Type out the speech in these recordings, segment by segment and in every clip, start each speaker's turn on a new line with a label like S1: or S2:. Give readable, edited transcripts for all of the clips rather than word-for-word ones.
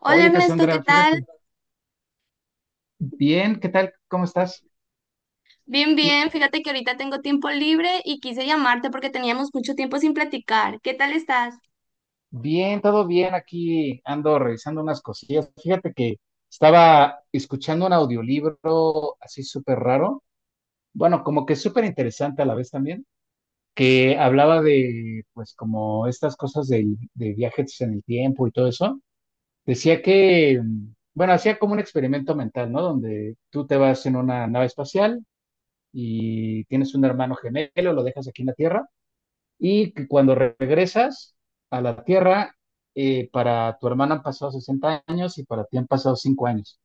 S1: Hola
S2: Oye,
S1: Ernesto, ¿qué
S2: Cassandra,
S1: tal?
S2: fíjate, bien, ¿qué tal? ¿Cómo estás?
S1: Bien, bien. Fíjate que ahorita tengo tiempo libre y quise llamarte porque teníamos mucho tiempo sin platicar. ¿Qué tal estás?
S2: Bien, todo bien aquí. Ando revisando unas cosillas. Fíjate que estaba escuchando un audiolibro así súper raro. Bueno, como que súper interesante a la vez también, que hablaba de, pues, como estas cosas de viajes en el tiempo y todo eso. Decía que, bueno, hacía como un experimento mental, ¿no? Donde tú te vas en una nave espacial y tienes un hermano gemelo, lo dejas aquí en la Tierra y que cuando regresas a la Tierra, para tu hermana han pasado 60 años y para ti han pasado 5 años.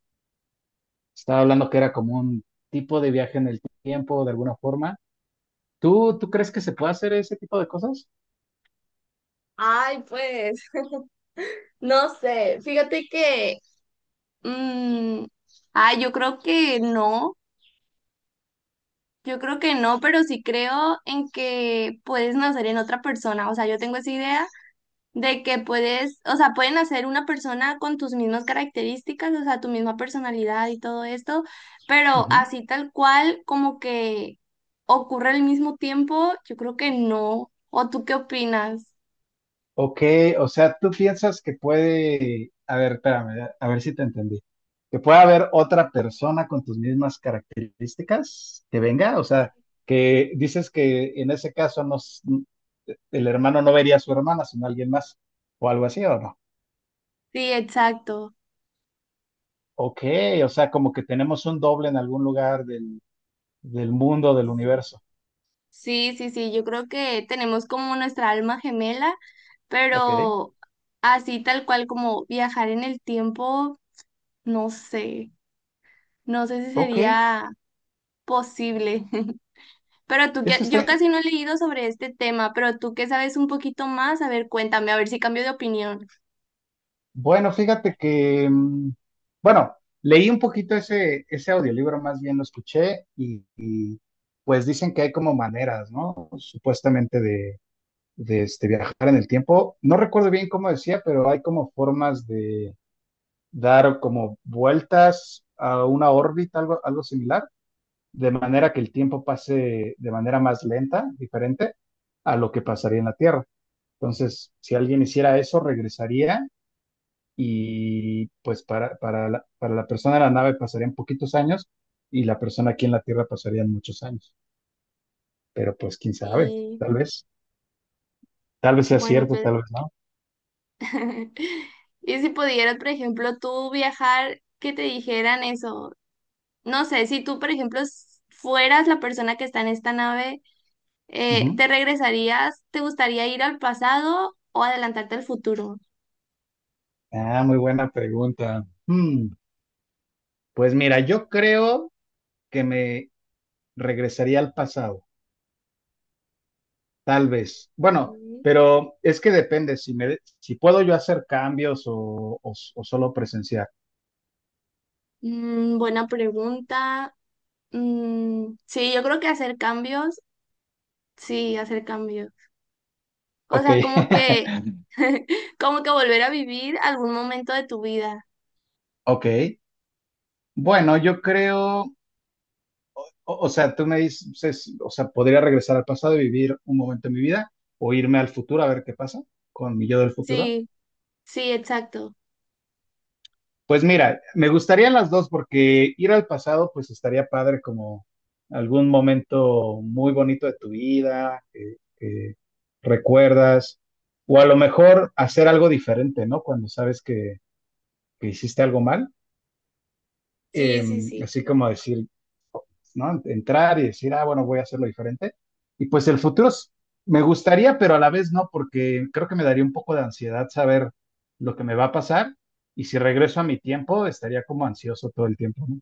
S2: Estaba hablando que era como un tipo de viaje en el tiempo, de alguna forma. ¿Tú crees que se puede hacer ese tipo de cosas?
S1: Ay, pues, no sé, fíjate que, Mm, yo creo que no, yo creo que no, pero sí creo en que puedes nacer en otra persona. O sea, yo tengo esa idea de que puedes, o sea, pueden hacer una persona con tus mismas características, o sea, tu misma personalidad y todo esto, pero
S2: Ujú.
S1: así tal cual como que ocurre al mismo tiempo, yo creo que no. ¿O tú qué opinas?
S2: Ok, o sea, tú piensas que puede, a ver, espérame, a ver si te entendí, que puede haber otra persona con tus mismas características que venga, o sea, que dices que en ese caso no, el hermano no vería a su hermana, sino a alguien más, o algo así, ¿o no?
S1: Sí, exacto.
S2: Ok, o sea, como que tenemos un doble en algún lugar del mundo, del universo.
S1: Sí, sí, sí, yo creo que tenemos como nuestra alma gemela,
S2: Ok,
S1: pero así tal cual como viajar en el tiempo, no sé, no sé si
S2: ok,
S1: sería posible. Pero tú que,
S2: eso
S1: yo
S2: está.
S1: casi no he leído sobre este tema, pero tú que sabes un poquito más, a ver, cuéntame, a ver si cambio de opinión.
S2: Bueno, fíjate que, bueno, leí un poquito ese audiolibro, más bien lo escuché y pues dicen que hay como maneras, ¿no? Supuestamente de este, viajar en el tiempo. No recuerdo bien cómo decía, pero hay como formas de dar como vueltas a una órbita, algo similar, de manera que el tiempo pase de manera más lenta, diferente a lo que pasaría en la Tierra. Entonces, si alguien hiciera eso, regresaría y pues para la persona de la nave pasarían poquitos años y la persona aquí en la Tierra pasarían muchos años. Pero pues quién sabe,
S1: Y
S2: tal vez sea
S1: bueno,
S2: cierto,
S1: pues,
S2: tal vez no.
S1: y si pudieras, por ejemplo, tú viajar, que te dijeran eso, no sé, si tú, por ejemplo, fueras la persona que está en esta nave,
S2: Ujú.
S1: ¿te regresarías? ¿Te gustaría ir al pasado o adelantarte al futuro?
S2: Ah, muy buena pregunta. Hmm, pues mira, yo creo que me regresaría al pasado, tal vez. Bueno,
S1: Mm.
S2: pero es que depende si me, si puedo yo hacer cambios o o solo presenciar.
S1: Mm, buena pregunta. Mm, sí, yo creo que hacer cambios, sí, hacer cambios. O
S2: Ok,
S1: sea, como que, como que volver a vivir algún momento de tu vida.
S2: ok. Bueno, yo creo. O sea, tú me dices, o sea, podría regresar al pasado y vivir un momento en mi vida o irme al futuro a ver qué pasa con mi yo del futuro.
S1: Sí, sí, exacto.
S2: Pues mira, me gustarían las dos porque ir al pasado pues estaría padre como algún momento muy bonito de tu vida que recuerdas o a lo mejor hacer algo diferente, ¿no? Cuando sabes que hiciste algo mal,
S1: Sí,
S2: eh,
S1: sí, sí.
S2: así como decir, ¿no? Entrar y decir, ah, bueno, voy a hacerlo diferente. Y pues el futuro es- me gustaría, pero a la vez no, porque creo que me daría un poco de ansiedad saber lo que me va a pasar. Y si regreso a mi tiempo, estaría como ansioso todo el tiempo, ¿no?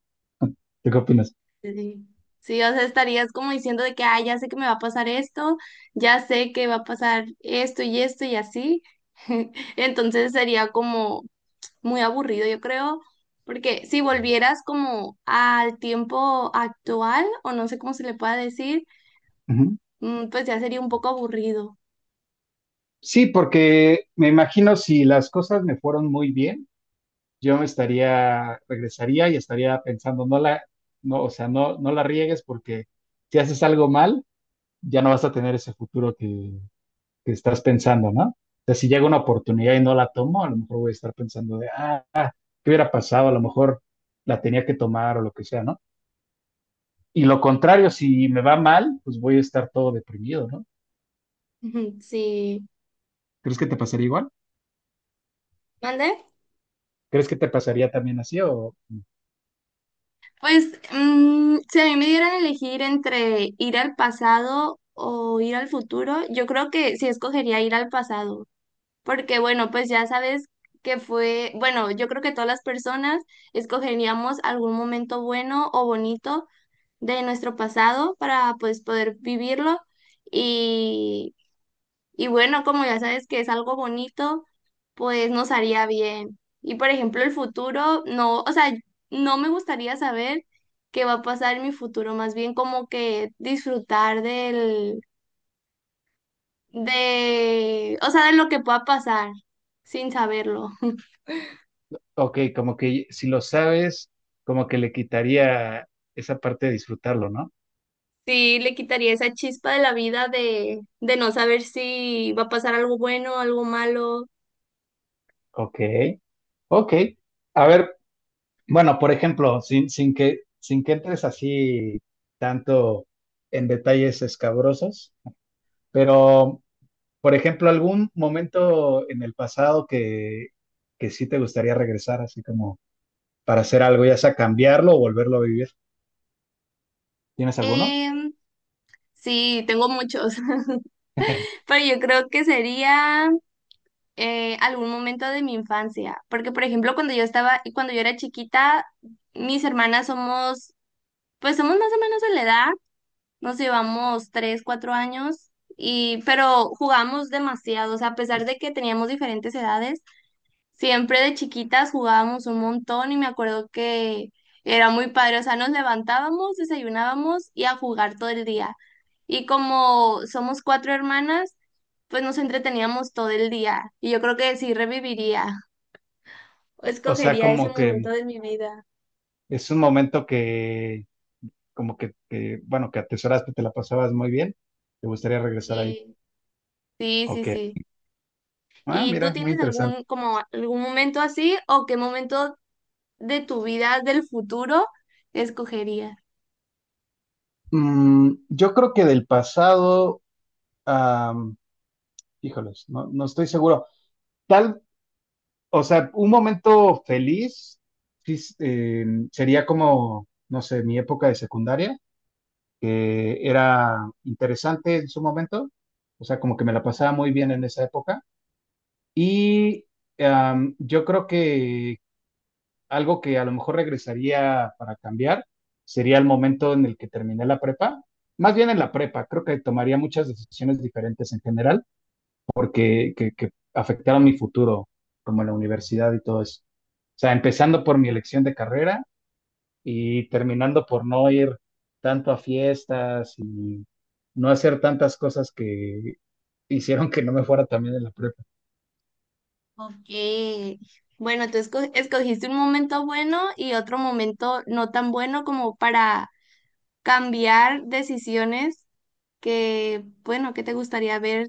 S2: ¿Tú qué opinas?
S1: Sí, sí, o sea, estarías como diciendo de que, ah, ya sé que me va a pasar esto, ya sé que va a pasar esto y esto y así. Entonces sería como muy aburrido, yo creo, porque si volvieras como al tiempo actual, o no sé cómo se le pueda decir,
S2: Ujú.
S1: mm, pues ya sería un poco aburrido.
S2: Sí, porque me imagino si las cosas me fueron muy bien, yo me estaría, regresaría y estaría pensando, no la, no, o sea, no la riegues porque si haces algo mal, ya no vas a tener ese futuro que estás pensando, ¿no? O sea, si llega una oportunidad y no la tomo, a lo mejor voy a estar pensando de, ah, ¿qué hubiera pasado? A lo mejor la tenía que tomar o lo que sea, ¿no? Y lo contrario, si me va mal, pues voy a estar todo deprimido, ¿no?
S1: Sí.
S2: ¿Crees que te pasaría igual?
S1: ¿Mande?
S2: ¿Crees que te pasaría también así? O,
S1: Pues mm, si a mí me dieran a elegir entre ir al pasado o ir al futuro, yo creo que sí escogería ir al pasado, porque bueno, pues ya sabes que fue, bueno, yo creo que todas las personas escogeríamos algún momento bueno o bonito de nuestro pasado para pues poder vivirlo y bueno, como ya sabes que es algo bonito, pues nos haría bien. Y por ejemplo, el futuro, no, o sea, no me gustaría saber qué va a pasar en mi futuro, más bien como que disfrutar del, de, o sea, de lo que pueda pasar sin saberlo.
S2: ok, como que si lo sabes, como que le quitaría esa parte de disfrutarlo, ¿no?
S1: Sí, le quitaría esa chispa de la vida de no saber si va a pasar algo bueno, algo malo.
S2: Ok, ok. A ver, bueno, por ejemplo, sin que entres así tanto en detalles escabrosos, pero, por ejemplo, algún momento en el pasado que sí te gustaría regresar, así como para hacer algo, ya sea cambiarlo o volverlo a vivir. ¿Tienes alguno?
S1: Em, sí, tengo muchos, pero yo creo que sería... algún momento de mi infancia, porque por ejemplo cuando yo estaba, cuando yo era chiquita, mis hermanas somos, pues somos más o menos de la edad, nos llevamos tres, cuatro años, y, pero jugamos demasiado, o sea, a pesar de que teníamos diferentes edades, siempre de chiquitas jugábamos un montón y me acuerdo que era muy padre, o sea, nos levantábamos, desayunábamos y a jugar todo el día. Y como somos cuatro hermanas, pues nos entreteníamos todo el día. Y yo creo que sí reviviría o
S2: O sea,
S1: escogería ese
S2: como
S1: momento
S2: que
S1: de mi vida.
S2: es un momento como que, bueno, que atesoraste, te la pasabas muy bien, te gustaría regresar ahí.
S1: Sí, sí, sí,
S2: Ok.
S1: sí.
S2: Ah,
S1: ¿Y tú
S2: mira, muy
S1: tienes
S2: interesante.
S1: algún, como algún momento así o qué momento de tu vida del futuro escogerías?
S2: Mm, yo creo que del pasado, am, híjoles, no, no estoy seguro. Tal, o sea, un momento feliz sí, sería como, no sé, mi época de secundaria, que era interesante en su momento, o sea, como que me la pasaba muy bien en esa época. Y am, yo creo que algo que a lo mejor regresaría para cambiar sería el momento en el que terminé la prepa, más bien en la prepa, creo que tomaría muchas decisiones diferentes en general que afectaron mi futuro, como la universidad y todo eso. O sea, empezando por mi elección de carrera y terminando por no ir tanto a fiestas y no hacer tantas cosas que hicieron que no me fuera también en la prepa.
S1: Ok. Bueno, tú escogiste un momento bueno y otro momento no tan bueno como para cambiar decisiones que, bueno, que te gustaría haber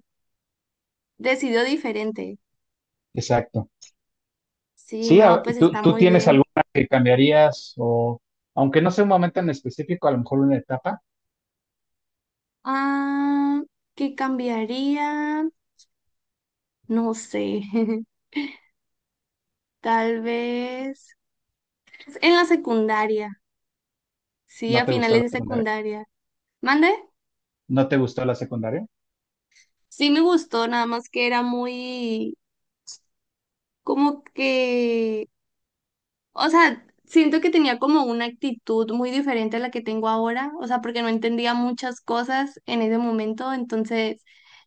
S1: decidido diferente.
S2: Exacto.
S1: Sí,
S2: Sí,
S1: no,
S2: a-
S1: pues
S2: ¿tú,
S1: está
S2: tú
S1: muy
S2: tienes
S1: bien.
S2: alguna que cambiarías o, aunque no sea un momento en específico, a lo mejor una etapa?
S1: Ah, ¿qué cambiaría? No sé. Tal vez en la secundaria. Sí,
S2: ¿No
S1: a
S2: te gustó
S1: finales
S2: la
S1: de
S2: secundaria?
S1: secundaria. ¿Mande?
S2: ¿No te gustó la secundaria?
S1: Sí me gustó, nada más que era muy como que o sea, siento que tenía como una actitud muy diferente a la que tengo ahora, o sea, porque no entendía muchas cosas en ese momento, entonces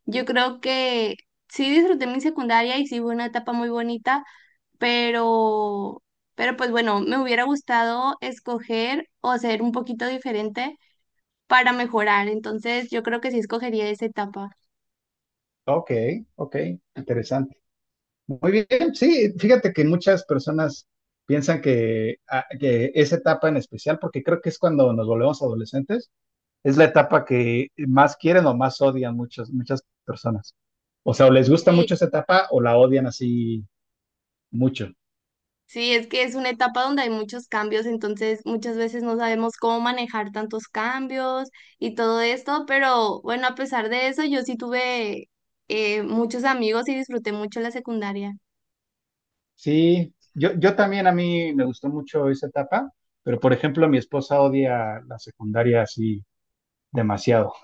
S1: yo creo que sí disfruté mi secundaria y sí fue una etapa muy bonita, pero, pero pues bueno, me hubiera gustado escoger o ser un poquito diferente para mejorar, entonces yo creo que sí escogería esa etapa.
S2: Ok, ok, interesante. Muy bien, sí, fíjate que muchas personas piensan que, a- que esa etapa en especial, porque creo que es cuando nos volvemos adolescentes, es la etapa que más quieren o más odian muchas, muchas personas. O sea, o les gusta mucho esa etapa o la odian así mucho.
S1: Sí, es que es una etapa donde hay muchos cambios, entonces muchas veces no sabemos cómo manejar tantos cambios y todo esto, pero bueno, a pesar de eso, yo sí tuve muchos amigos y disfruté mucho la secundaria.
S2: Sí, yo también a mí me gustó mucho esa etapa, pero por ejemplo, mi esposa odia la secundaria así demasiado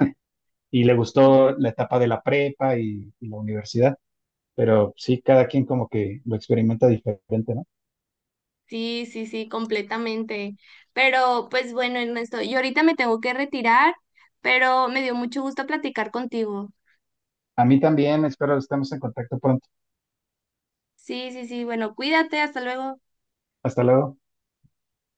S2: y le gustó la etapa de la prepa y la universidad. Pero sí, cada quien como que lo experimenta diferente, ¿no?
S1: Sí, sí, sí, completamente. Pero pues bueno, Ernesto, yo ahorita me tengo que retirar, pero me dio mucho gusto platicar contigo.
S2: A mí también, espero estemos en contacto pronto.
S1: Sí, sí, sí, bueno, cuídate, hasta luego.
S2: Hasta luego.